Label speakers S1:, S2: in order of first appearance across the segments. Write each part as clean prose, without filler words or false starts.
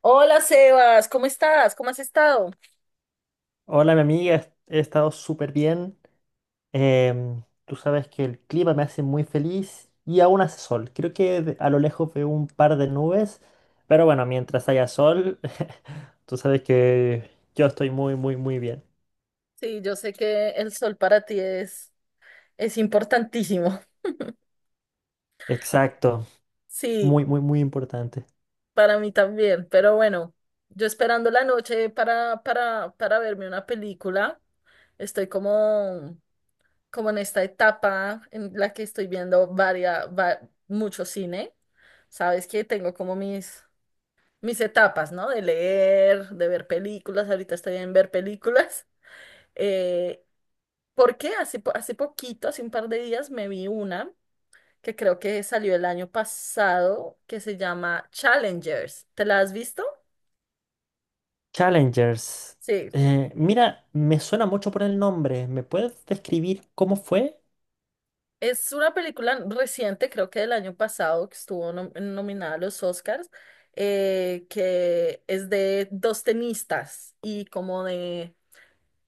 S1: Hola Sebas, ¿cómo estás? ¿Cómo has estado?
S2: Hola, mi amiga, he estado súper bien. Tú sabes que el clima me hace muy feliz y aún hace sol. Creo que a lo lejos veo un par de nubes, pero bueno, mientras haya sol, tú sabes que yo estoy muy, muy, muy bien.
S1: Sí, yo sé que el sol para ti es importantísimo.
S2: Exacto,
S1: Sí,
S2: muy, muy, muy importante.
S1: para mí también, pero bueno, yo esperando la noche para verme una película, estoy como, como en esta etapa en la que estoy viendo mucho cine. Sabes que tengo como mis etapas, ¿no? De leer, de ver películas, ahorita estoy en ver películas. Eh, Porque hace poquito, hace un par de días, me vi una que creo que salió el año pasado, que se llama Challengers. ¿Te la has visto?
S2: Challengers.
S1: Sí.
S2: Mira, me suena mucho por el nombre. ¿Me puedes describir cómo fue?
S1: Es una película reciente, creo que del año pasado, que estuvo nominada a los Oscars, que es de dos tenistas y como de,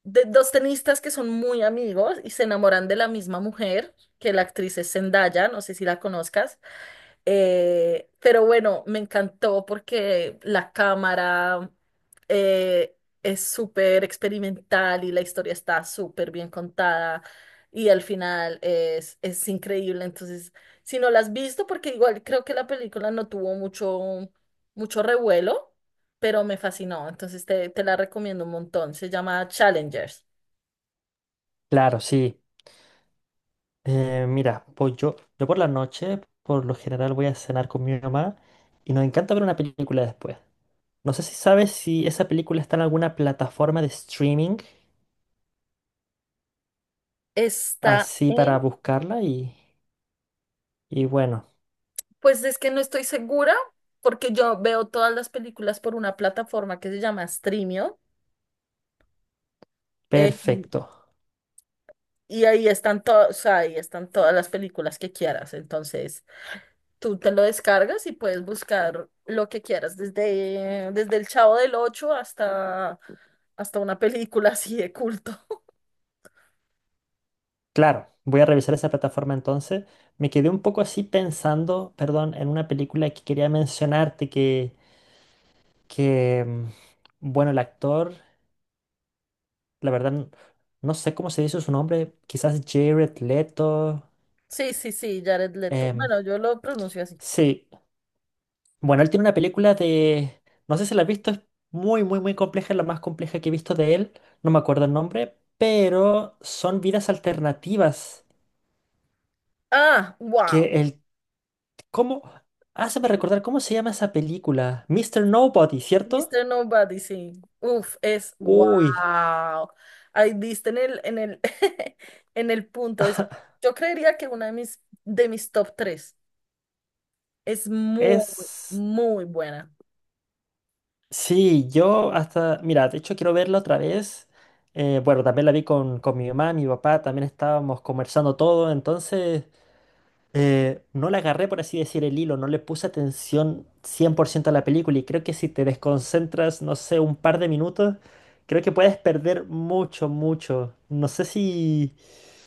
S1: de dos tenistas que son muy amigos y se enamoran de la misma mujer, que la actriz es Zendaya, no sé si la conozcas. Pero bueno, me encantó porque la cámara eh, es súper experimental y la historia está súper bien contada y al final es increíble. Entonces, si no la has visto, porque igual creo que la película no tuvo mucho revuelo, pero me fascinó. Entonces, te la recomiendo un montón. Se llama Challengers.
S2: Claro, sí. Mira, pues yo por la noche, por lo general, voy a cenar con mi mamá y nos encanta ver una película después. No sé si sabes si esa película está en alguna plataforma de streaming,
S1: Está
S2: así
S1: en
S2: para buscarla y bueno,
S1: pues es que no estoy segura porque yo veo todas las películas por una plataforma que se llama Streamio, eh,
S2: perfecto.
S1: y ahí están todas las películas que quieras. Entonces, tú te lo descargas y puedes buscar lo que quieras, desde El Chavo del Ocho hasta, hasta una película así de culto.
S2: Claro, voy a revisar esa plataforma entonces. Me quedé un poco así pensando, perdón, en una película que quería mencionarte que, bueno, el actor, la verdad, no sé cómo se dice su nombre, quizás Jared Leto.
S1: Sí, sí, sí, Jared Leto.
S2: em,
S1: Bueno, yo lo pronuncio así.
S2: Sí. Bueno, él tiene una película de... No sé si la has visto, es muy, muy, muy compleja, es la más compleja que he visto de él, no me acuerdo el nombre, pero son vidas alternativas.
S1: Ah, wow.
S2: Que el... ¿Cómo? Háceme
S1: Sí,
S2: recordar, ¿cómo se llama esa película? Mister Nobody, ¿cierto?
S1: Mr. Nobody, sí. Uf, es wow.
S2: Uy,
S1: Ahí diste en el, en el punto. Es, yo creería que una de de mis top tres es muy,
S2: es...
S1: muy buena.
S2: Sí, yo hasta... Mira, de hecho quiero verla otra vez. Bueno, también la vi con mi mamá, mi papá, también estábamos conversando todo, entonces... no le agarré, por así decir, el hilo, no le puse atención 100% a la película y creo que si te desconcentras, no sé, un par de minutos, creo que puedes perder mucho, mucho. No sé si,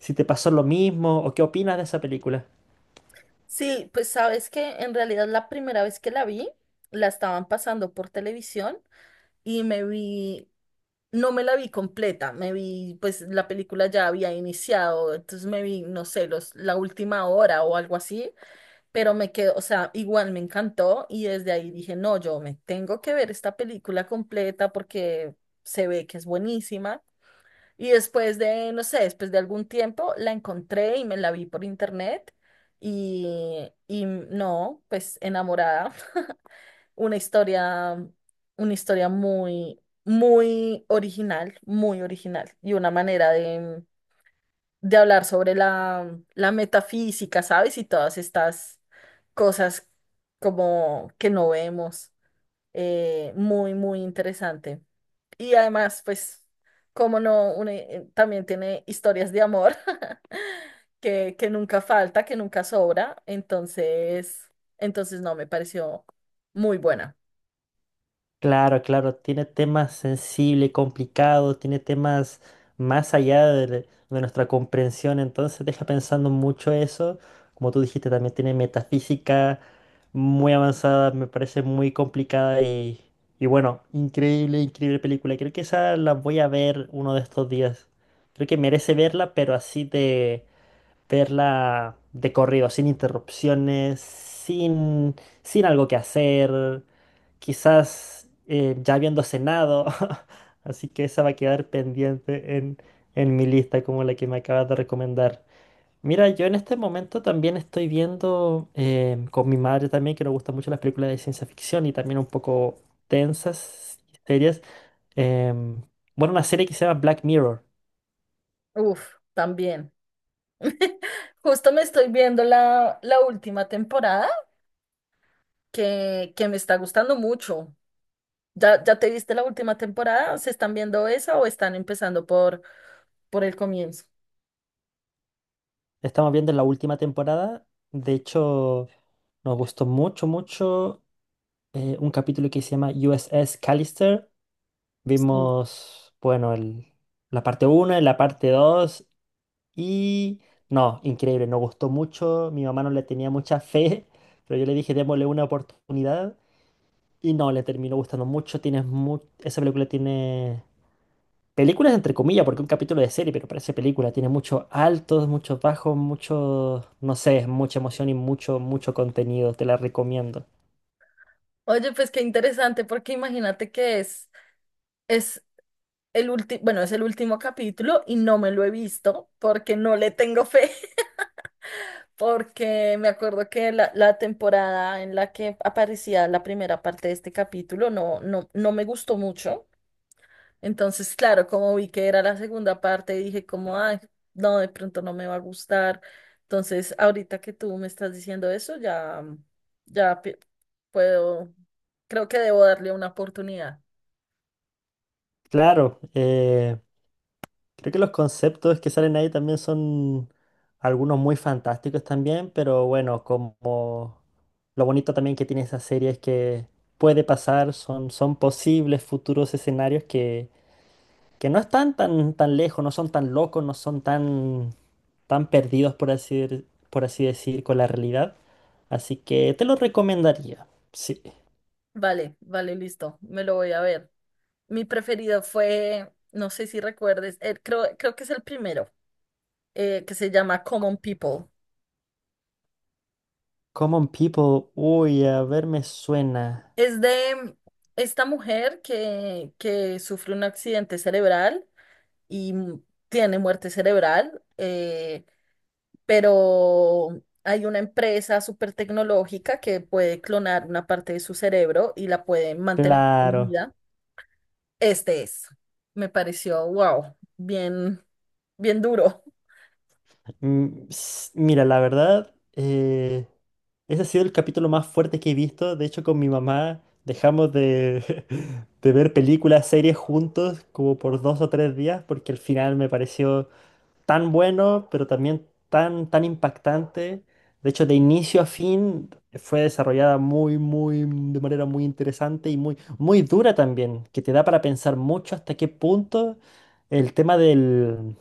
S2: si te pasó lo mismo o qué opinas de esa película.
S1: Sí, pues sabes que en realidad la primera vez que la vi, la estaban pasando por televisión y me vi, no me la vi completa, me vi, pues la película ya había iniciado, entonces me vi, no sé, la última hora o algo así, pero me quedó, o sea, igual me encantó y desde ahí dije, no, yo me tengo que ver esta película completa porque se ve que es buenísima. Y después de, no sé, después de algún tiempo la encontré y me la vi por internet y no, pues enamorada. Una historia, una historia muy, muy original y una manera de hablar sobre la metafísica, ¿sabes? Y todas estas cosas como que no vemos. Muy, muy interesante. Y además, pues, como no, también tiene historias de amor que nunca falta, que nunca sobra. Entonces no, me pareció muy buena.
S2: Claro, claro, tiene temas sensibles, complicados, tiene temas más allá de nuestra comprensión, entonces deja pensando mucho eso. Como tú dijiste, también tiene metafísica muy avanzada, me parece muy complicada y bueno, increíble, increíble película. Creo que esa la voy a ver uno de estos días. Creo que merece verla, pero así verla de corrido, sin interrupciones, sin, sin algo que hacer, quizás ya habiendo cenado. Así que esa va a quedar pendiente en mi lista como la que me acabas de recomendar. Mira, yo en este momento también estoy viendo con mi madre también, que nos gustan mucho las películas de ciencia ficción y también un poco tensas, serias. em, bueno, una serie que se llama Black Mirror.
S1: Uf, también. Justo me estoy viendo la última temporada que me está gustando mucho. ¿Ya te viste la última temporada? ¿Se están viendo esa o están empezando por el comienzo?
S2: Estamos viendo la última temporada. De hecho... Nos gustó mucho, mucho un capítulo que se llama USS Callister.
S1: Sí.
S2: Vimos, bueno, la parte uno la parte 2 y... No, increíble, nos gustó mucho. Mi mamá no le tenía mucha fe, pero yo le dije, démosle una oportunidad. Y no, le terminó gustando mucho. Tienes esa película tiene... Películas entre comillas, porque es un capítulo de serie, pero parece película. Tiene muchos altos, muchos bajos, mucho, no sé, mucha emoción y mucho, mucho contenido. Te la recomiendo.
S1: Oye, pues qué interesante, porque imagínate que es el último, bueno, es el último capítulo y no me lo he visto porque no le tengo fe, porque me acuerdo que la temporada en la que aparecía la primera parte de este capítulo no me gustó mucho. Entonces, claro, como vi que era la segunda parte, dije como, ay, no, de pronto no me va a gustar. Entonces, ahorita que tú me estás diciendo eso, ya pi- puedo, creo que debo darle una oportunidad.
S2: Claro, creo que los conceptos que salen ahí también son algunos muy fantásticos también, pero bueno, como lo bonito también que tiene esa serie es que puede pasar, son, son posibles futuros escenarios que no están tan, tan lejos, no son tan locos, no son tan, tan perdidos, por así decir, con la realidad. Así que te lo recomendaría. Sí. C-
S1: Vale, vale, listo, me lo voy a ver. Mi preferido fue, no sé si recuerdes, creo que es el primero, que se llama Common People.
S2: Common People, uy, a ver, me suena.
S1: Es de esta mujer que sufre un accidente cerebral y m- tiene muerte cerebral, pero hay una empresa súper tecnológica que puede clonar una parte de su cerebro y la puede mantener con
S2: Claro.
S1: vida. Este es, me pareció, wow, bien, bien duro.
S2: Mira, la verdad, ese ha sido el capítulo más fuerte que he visto. De hecho, con mi mamá dejamos de, de ver películas, series juntos como por dos o tres días, porque el final me pareció tan bueno, pero también tan, tan impactante. De hecho, de inicio a fin fue desarrollada muy, muy, de manera muy interesante y muy, muy dura también, que te da para pensar mucho hasta qué punto el tema del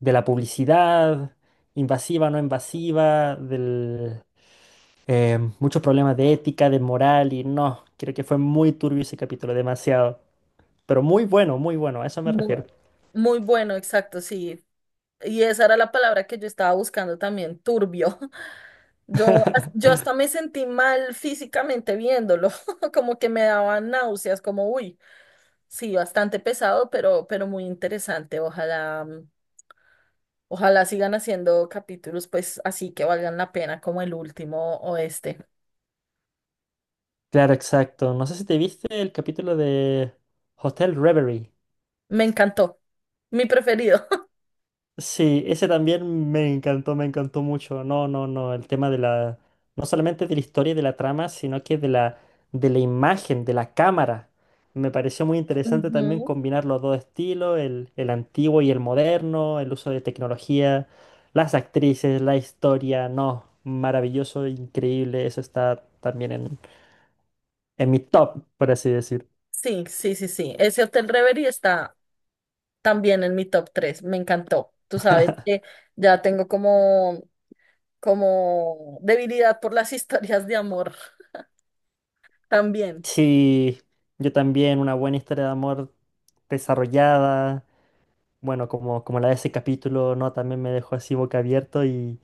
S2: de la publicidad, invasiva, no invasiva, del, muchos problemas de ética, de moral y no, creo que fue muy turbio ese capítulo, demasiado, pero muy bueno, muy bueno, a eso me
S1: Muy,
S2: refiero.
S1: muy bueno, exacto, sí. Y esa era la palabra que yo estaba buscando también, turbio. Yo, yo hasta me sentí mal físicamente viéndolo, como que me daban náuseas, como, uy. Sí, bastante pesado, pero muy interesante. Ojalá, ojalá sigan haciendo capítulos, pues así que valgan la pena, como el último o este.
S2: Claro, exacto. No sé si te viste el capítulo de Hotel Reverie.
S1: Me encantó, mi preferido.
S2: Sí, ese también me encantó mucho. No, no, no, el tema de la, no solamente de la historia y de la trama, sino que de la imagen, de la cámara. Me pareció muy interesante también
S1: Ujú.
S2: combinar los dos estilos, el antiguo y el moderno, el uso de tecnología, las actrices, la historia. No, maravilloso, increíble. Eso está también en mi top, por así decir.
S1: Sí, sí, sí, sí. Ese Hotel Reverie está también en mi top tres. Me encantó. Tú sabes que ya tengo como, como debilidad por las historias de amor también.
S2: Sí, yo también, una buena historia de amor desarrollada bueno, como, como la de ese capítulo, ¿no? También me dejó así boca abierto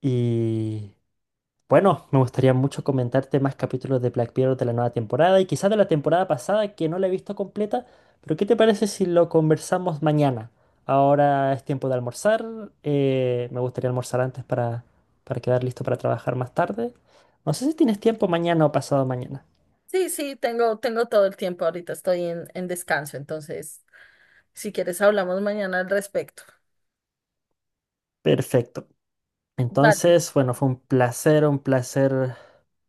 S2: y bueno, me gustaría mucho comentarte más capítulos de Black Mirror de la nueva temporada y quizás de la temporada pasada que no la he visto completa, pero ¿qué te parece si lo conversamos mañana? Ahora es tiempo de almorzar, me gustaría almorzar antes para quedar listo para trabajar más tarde. No sé si tienes tiempo mañana o pasado mañana.
S1: Sí, sí, tengo, tengo todo el tiempo. Ahorita estoy en descanso, entonces, si quieres, hablamos mañana al respecto.
S2: Perfecto.
S1: Vale,
S2: Entonces, bueno, fue un placer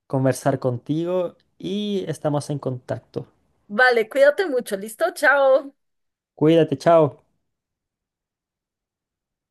S2: conversar contigo y estamos en contacto.
S1: vale, cuídate mucho, ¿listo? Chao.
S2: Cuídate, chao.